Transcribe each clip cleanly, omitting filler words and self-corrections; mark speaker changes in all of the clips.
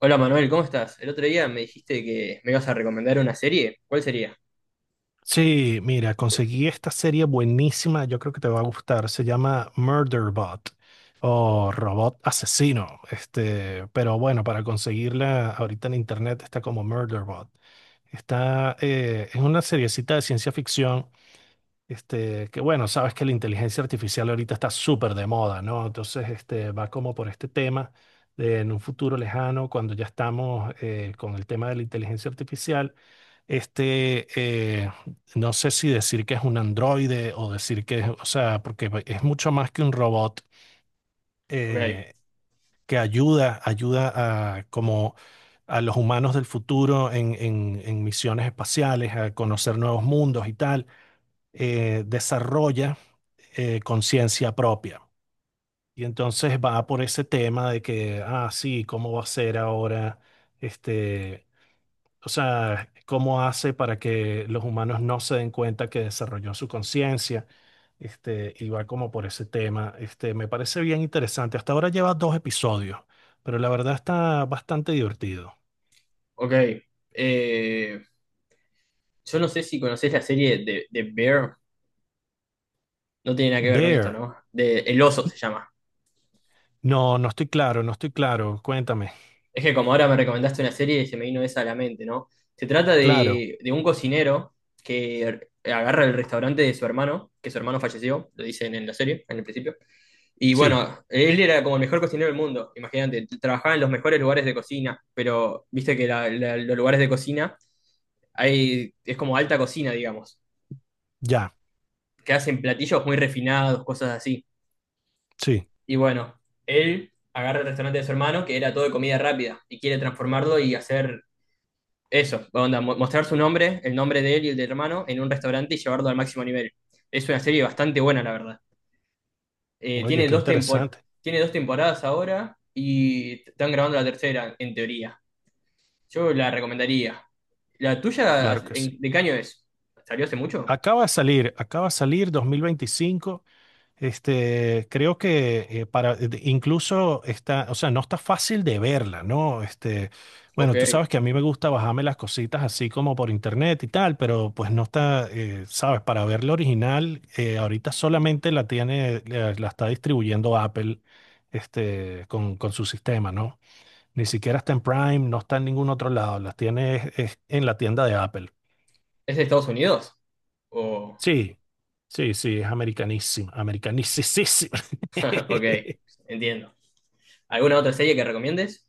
Speaker 1: Hola Manuel, ¿cómo estás? El otro día me dijiste que me ibas a recomendar una serie. ¿Cuál sería?
Speaker 2: Sí, mira, conseguí esta serie buenísima, yo creo que te va a gustar. Se llama Murderbot o Robot Asesino. Pero bueno, para conseguirla ahorita en internet está como Murderbot. Es una seriecita de ciencia ficción. Que bueno, sabes que la inteligencia artificial ahorita está súper de moda, ¿no? Entonces, va como por este tema de en un futuro lejano, cuando ya estamos con el tema de la inteligencia artificial este, eh, no sé si decir que es un androide o decir que es, o sea, porque es mucho más que un robot,
Speaker 1: Ok,
Speaker 2: eh, que ayuda a, como a los humanos del futuro en misiones espaciales, a conocer nuevos mundos y tal, desarrolla conciencia propia. Y entonces va por ese tema de que, ah, sí, ¿cómo va a ser ahora este? O sea, cómo hace para que los humanos no se den cuenta que desarrolló su conciencia, y va como por ese tema. Me parece bien interesante. Hasta ahora lleva dos episodios, pero la verdad está bastante divertido.
Speaker 1: ok. Eh, yo no sé si conocés la serie de Bear. No tiene nada que ver con esto,
Speaker 2: Bear,
Speaker 1: ¿no? De El Oso se llama.
Speaker 2: no, no estoy claro, no estoy claro. Cuéntame.
Speaker 1: Es que como ahora me recomendaste una serie, se me vino esa a la mente, ¿no? Se trata
Speaker 2: Claro,
Speaker 1: de un cocinero que agarra el restaurante de su hermano, que su hermano falleció, lo dicen en la serie, en el principio. Y
Speaker 2: sí,
Speaker 1: bueno, él era como el mejor cocinero del mundo, imagínate, trabajaba en los mejores lugares de cocina, pero viste que los lugares de cocina hay, es como alta cocina, digamos,
Speaker 2: ya,
Speaker 1: que hacen platillos muy refinados, cosas así.
Speaker 2: sí.
Speaker 1: Y bueno, él agarra el restaurante de su hermano, que era todo de comida rápida, y quiere transformarlo y hacer eso, onda, mostrar su nombre, el nombre de él y el del hermano, en un restaurante y llevarlo al máximo nivel. Es una serie bastante buena, la verdad.
Speaker 2: Oye, qué interesante.
Speaker 1: Tiene dos temporadas ahora y están grabando la tercera, en teoría. Yo la recomendaría. ¿La tuya
Speaker 2: Claro que sí.
Speaker 1: de qué año es? ¿Salió hace mucho?
Speaker 2: Acaba de salir 2025. Creo que incluso está, o sea, no está fácil de verla, ¿no?
Speaker 1: Ok.
Speaker 2: Bueno, tú
Speaker 1: ¿Es
Speaker 2: sabes que a mí me gusta bajarme las cositas así como por internet y tal, pero pues no está, sabes, para ver la original, ahorita solamente la está distribuyendo Apple, con su sistema, ¿no? Ni siquiera está en Prime, no está en ningún otro lado, es en la tienda de Apple.
Speaker 1: de Estados Unidos? O...
Speaker 2: Sí, sí, sí, es americanísima, americanísima.
Speaker 1: Ok, entiendo. ¿Alguna otra serie que recomiendes?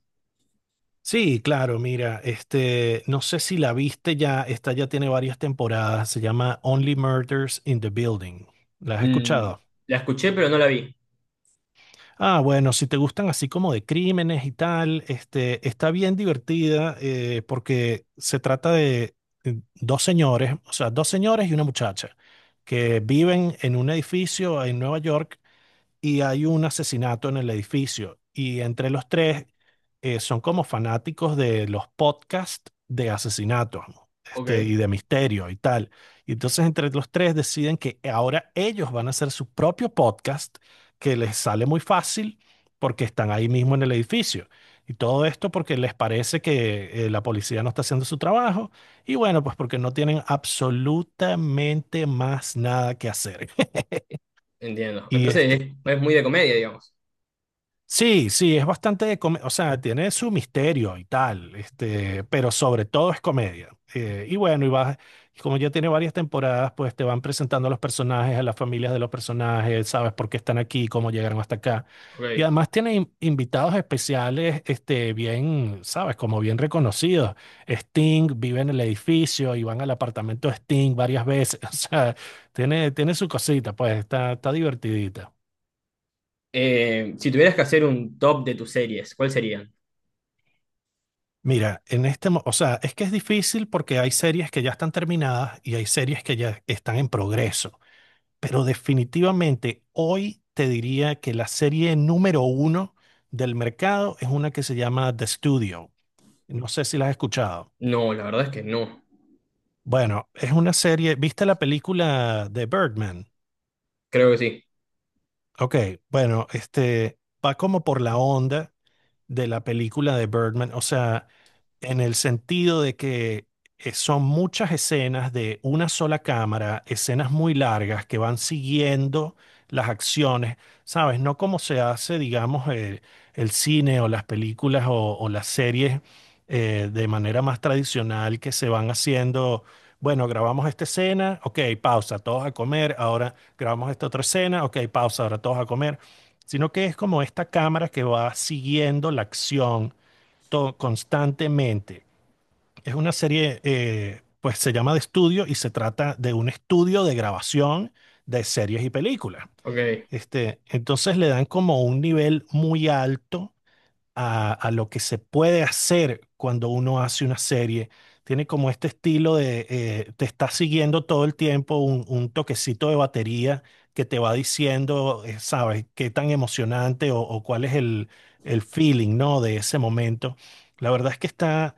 Speaker 2: Sí, claro, mira, no sé si la viste ya, esta ya tiene varias temporadas, se llama Only Murders in the Building. ¿La has
Speaker 1: Mm,
Speaker 2: escuchado?
Speaker 1: la escuché, pero no la vi.
Speaker 2: Ah, bueno, si te gustan así como de crímenes y tal, está bien divertida, porque se trata de dos señores, o sea, dos señores y una muchacha que viven en un edificio en Nueva York y hay un asesinato en el edificio. Y entre los tres son como fanáticos de los podcasts de asesinatos, ¿no? Y
Speaker 1: Ok,
Speaker 2: de misterio y tal. Y entonces entre los tres deciden que ahora ellos van a hacer su propio podcast que les sale muy fácil porque están ahí mismo en el edificio. Y todo esto porque les parece que la policía no está haciendo su trabajo y bueno, pues porque no tienen absolutamente más nada que hacer.
Speaker 1: entiendo.
Speaker 2: Y,
Speaker 1: Entonces
Speaker 2: este-
Speaker 1: es, muy de comedia, digamos.
Speaker 2: Sí, sí, es o sea, tiene su misterio y tal, pero sobre todo es comedia. Y como ya tiene varias temporadas, pues te van presentando a los personajes, a las familias de los personajes, sabes por qué están aquí, cómo llegaron hasta acá. Y
Speaker 1: Ok.
Speaker 2: además tiene invitados especiales, bien, sabes, como bien reconocidos. Sting vive en el edificio y van al apartamento de Sting varias veces. O sea, tiene, tiene su cosita, pues está, está divertidita.
Speaker 1: Si tuvieras que hacer un top de tus series, ¿cuáles serían?
Speaker 2: Mira, o sea, es que es difícil porque hay series que ya están terminadas y hay series que ya están en progreso, pero definitivamente hoy te diría que la serie número uno del mercado es una que se llama The Studio. No sé si la has escuchado.
Speaker 1: No, la verdad es que no.
Speaker 2: Bueno, es una serie, ¿viste la película de Birdman?
Speaker 1: Creo que sí.
Speaker 2: Ok, bueno, va como por la onda de la película de Birdman, o sea, en el sentido de que son muchas escenas de una sola cámara, escenas muy largas que van siguiendo las acciones, ¿sabes? No como se hace, digamos, el cine o las películas o las series de manera más tradicional que se van haciendo. Bueno, grabamos esta escena, ok, pausa, todos a comer, ahora grabamos esta otra escena, ok, pausa, ahora todos a comer, sino que es como esta cámara que va siguiendo la acción constantemente. Es una serie, pues se llama de estudio y se trata de un estudio de grabación de series y películas.
Speaker 1: Ok,
Speaker 2: Entonces le dan como un nivel muy alto a lo que se puede hacer cuando uno hace una serie. Tiene como este estilo de, te está siguiendo todo el tiempo un toquecito de batería que te va diciendo, sabes, qué tan emocionante o cuál es el feeling, ¿no? De ese momento. La verdad es que está,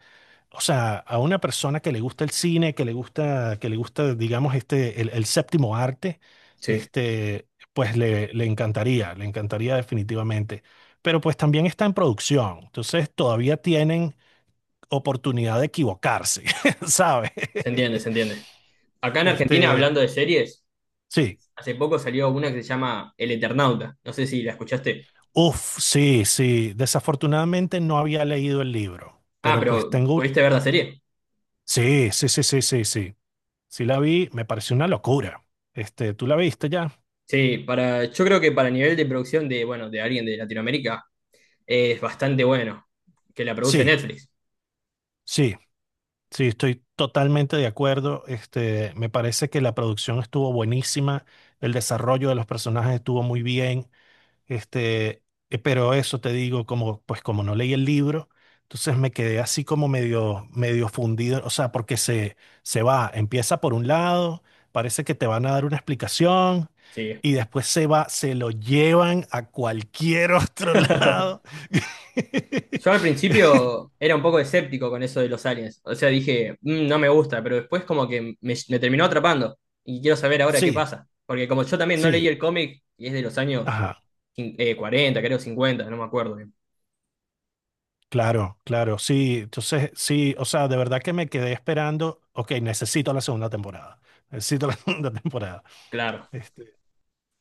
Speaker 2: o sea, a una persona que le gusta el cine, que le gusta, digamos, el séptimo arte,
Speaker 1: sí.
Speaker 2: pues le, le encantaría definitivamente. Pero pues también está en producción, entonces todavía tienen oportunidad de equivocarse, ¿sabes?
Speaker 1: Se entiende, se entiende. Acá en Argentina,
Speaker 2: Este,
Speaker 1: hablando de series,
Speaker 2: sí,
Speaker 1: hace poco salió una que se llama El Eternauta. No sé si la escuchaste.
Speaker 2: uf, sí, sí. Desafortunadamente no había leído el libro,
Speaker 1: Ah,
Speaker 2: pero pues
Speaker 1: pero
Speaker 2: tengo,
Speaker 1: ¿pudiste ver la serie?
Speaker 2: sí, sí, sí, sí, sí, sí. Sí la vi, me pareció una locura. ¿Tú la viste ya?
Speaker 1: Sí, para, yo creo que para nivel de producción de, bueno, de alguien de Latinoamérica, es bastante bueno que la produce
Speaker 2: Sí.
Speaker 1: Netflix.
Speaker 2: Sí, sí, estoy totalmente de acuerdo. Me parece que la producción estuvo buenísima, el desarrollo de los personajes estuvo muy bien. Este, pero eso te digo, como, pues como no leí el libro, entonces me quedé así como medio, medio fundido. O sea, porque se va, empieza por un lado, parece que te van a dar una explicación.
Speaker 1: Sí.
Speaker 2: Y después se va, se lo llevan a cualquier otro lado.
Speaker 1: Yo al principio era un poco escéptico con eso de los aliens. O sea, dije, "Mm, no me gusta, pero después como que me terminó atrapando. Y quiero saber ahora qué
Speaker 2: Sí,
Speaker 1: pasa. Porque como yo también no leí
Speaker 2: sí.
Speaker 1: el cómic, y es de los años
Speaker 2: Ajá.
Speaker 1: 40, creo, 50, no me acuerdo bien.
Speaker 2: Claro, claro, sí, entonces sí, o sea, de verdad que me quedé esperando, ok, necesito la segunda temporada, necesito la segunda temporada.
Speaker 1: Claro.
Speaker 2: Este,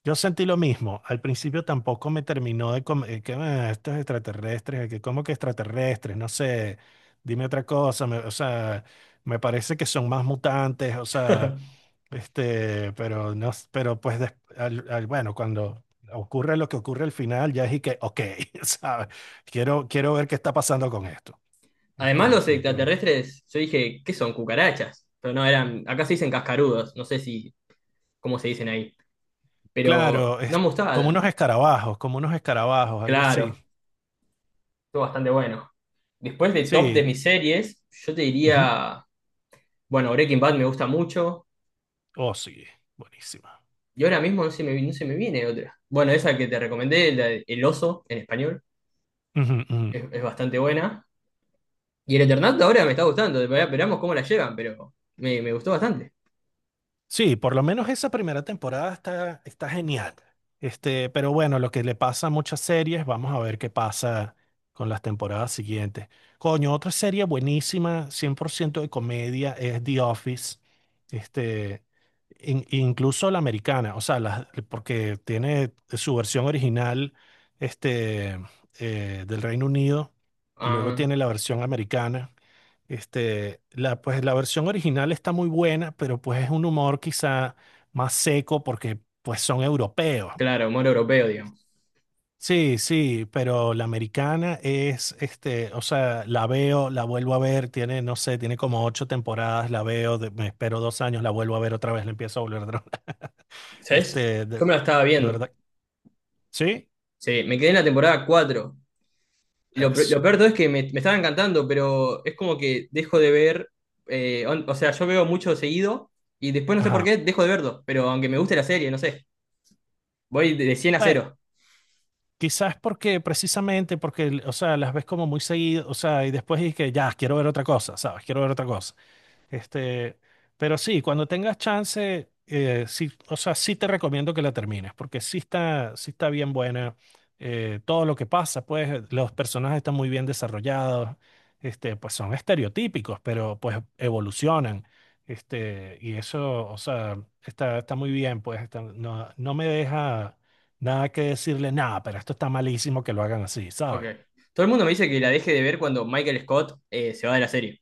Speaker 2: yo sentí lo mismo, al principio tampoco me terminó que, ah, estos extraterrestres, que como que extraterrestres, no sé, dime otra cosa, o sea, me parece que son más mutantes, o sea, pero no, pero pues, bueno, cuando ocurre lo que ocurre al final, ya es y que, ok, ¿sabes? Quiero, quiero ver qué está pasando con esto.
Speaker 1: Además los
Speaker 2: Definitivamente.
Speaker 1: extraterrestres, yo dije, ¿qué son? Cucarachas. Pero no, eran, acá se dicen cascarudos, no sé si cómo se dicen ahí. Pero
Speaker 2: Claro,
Speaker 1: no
Speaker 2: es
Speaker 1: me gustaba tanto.
Speaker 2: como unos escarabajos, algo así.
Speaker 1: Claro, estuvo bastante bueno. Después de top de
Speaker 2: Sí.
Speaker 1: mis series, yo te
Speaker 2: Ujú.
Speaker 1: diría, bueno, Breaking Bad me gusta mucho.
Speaker 2: Oh, sí. Buenísima.
Speaker 1: Y ahora mismo no se me viene otra. Bueno, esa que te recomendé, la de El Oso, en español,
Speaker 2: Ujú, ujú.
Speaker 1: es, bastante buena. Y el Eternauta ahora me está gustando, esperamos cómo la llevan, pero me gustó bastante.
Speaker 2: Sí, por lo menos esa primera temporada está, está genial. Pero bueno, lo que le pasa a muchas series, vamos a ver qué pasa con las temporadas siguientes. Coño, otra serie buenísima, 100% de comedia, es The Office. Este, Incluso la americana, o sea, porque tiene su versión original, este, del Reino Unido y luego
Speaker 1: Ah,
Speaker 2: tiene la versión americana. Pues la versión original está muy buena, pero pues es un humor quizá más seco porque pues son europeos.
Speaker 1: claro, humor europeo, digamos.
Speaker 2: Sí, sí, pero la americana es, o sea, la veo, la vuelvo a ver, tiene, no sé, tiene como 8 temporadas, la veo, me espero 2 años, la vuelvo a ver otra vez, la empiezo a volver a ver.
Speaker 1: ¿Sabes?
Speaker 2: Este,
Speaker 1: Yo
Speaker 2: de,
Speaker 1: me la estaba
Speaker 2: de
Speaker 1: viendo.
Speaker 2: verdad. Sí,
Speaker 1: Sí, me quedé en la temporada cuatro. Lo, pe-
Speaker 2: eso.
Speaker 1: lo peor de todo es que me estaba encantando, pero es como que dejo de ver, o sea, yo veo mucho seguido y después no sé por
Speaker 2: Ajá.
Speaker 1: qué dejo de verlo, pero aunque me guste la serie, no sé, voy de 100 a
Speaker 2: Bueno,
Speaker 1: 0.
Speaker 2: quizás porque, precisamente porque, o sea, las ves como muy seguido, o sea, y después es que ya, quiero ver otra cosa, ¿sabes? Quiero ver otra cosa. Este, pero sí, cuando tengas chance, sí, o sea, sí te recomiendo que la termines, porque sí está bien buena. Todo lo que pasa, pues los personajes están muy bien desarrollados, pues son estereotípicos, pero pues evolucionan. Y eso, o sea, está, está muy bien, pues no, no me deja nada que decirle, nada, pero esto está malísimo que lo hagan así,
Speaker 1: Ok.
Speaker 2: ¿sabes?
Speaker 1: Todo el mundo me dice que la deje de ver cuando Michael Scott se va de la serie.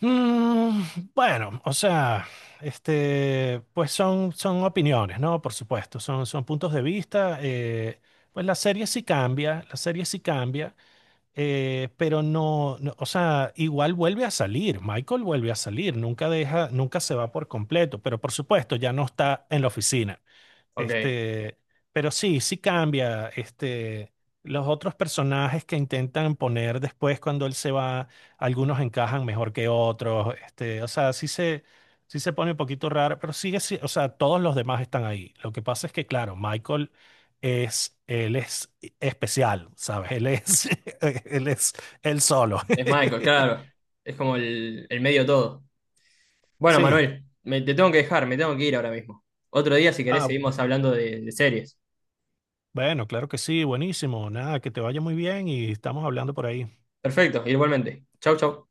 Speaker 2: Mm, bueno, o sea, pues son, son opiniones, ¿no? Por supuesto, son, son puntos de vista. Pues la serie sí cambia, la serie sí cambia, pero no, no, o sea, igual vuelve a salir, Michael vuelve a salir, nunca deja, nunca se va por completo, pero por supuesto ya no está en la oficina.
Speaker 1: Ok.
Speaker 2: Este, pero sí, sí cambia. Los otros personajes que intentan poner después cuando él se va, algunos encajan mejor que otros. O sea, sí se pone un poquito raro, pero sigue, o sea, todos los demás están ahí. Lo que pasa es que, claro, Michael es, él es especial, ¿sabes? Él es, él es él solo.
Speaker 1: Es Michael, claro. Es como el medio todo. Bueno,
Speaker 2: Sí.
Speaker 1: Manuel, te tengo que dejar, me tengo que ir ahora mismo. Otro día, si querés,
Speaker 2: Ah,
Speaker 1: seguimos hablando de series.
Speaker 2: bueno, claro que sí, buenísimo. Nada, que te vaya muy bien y estamos hablando por ahí.
Speaker 1: Perfecto, igualmente. Chau, chau.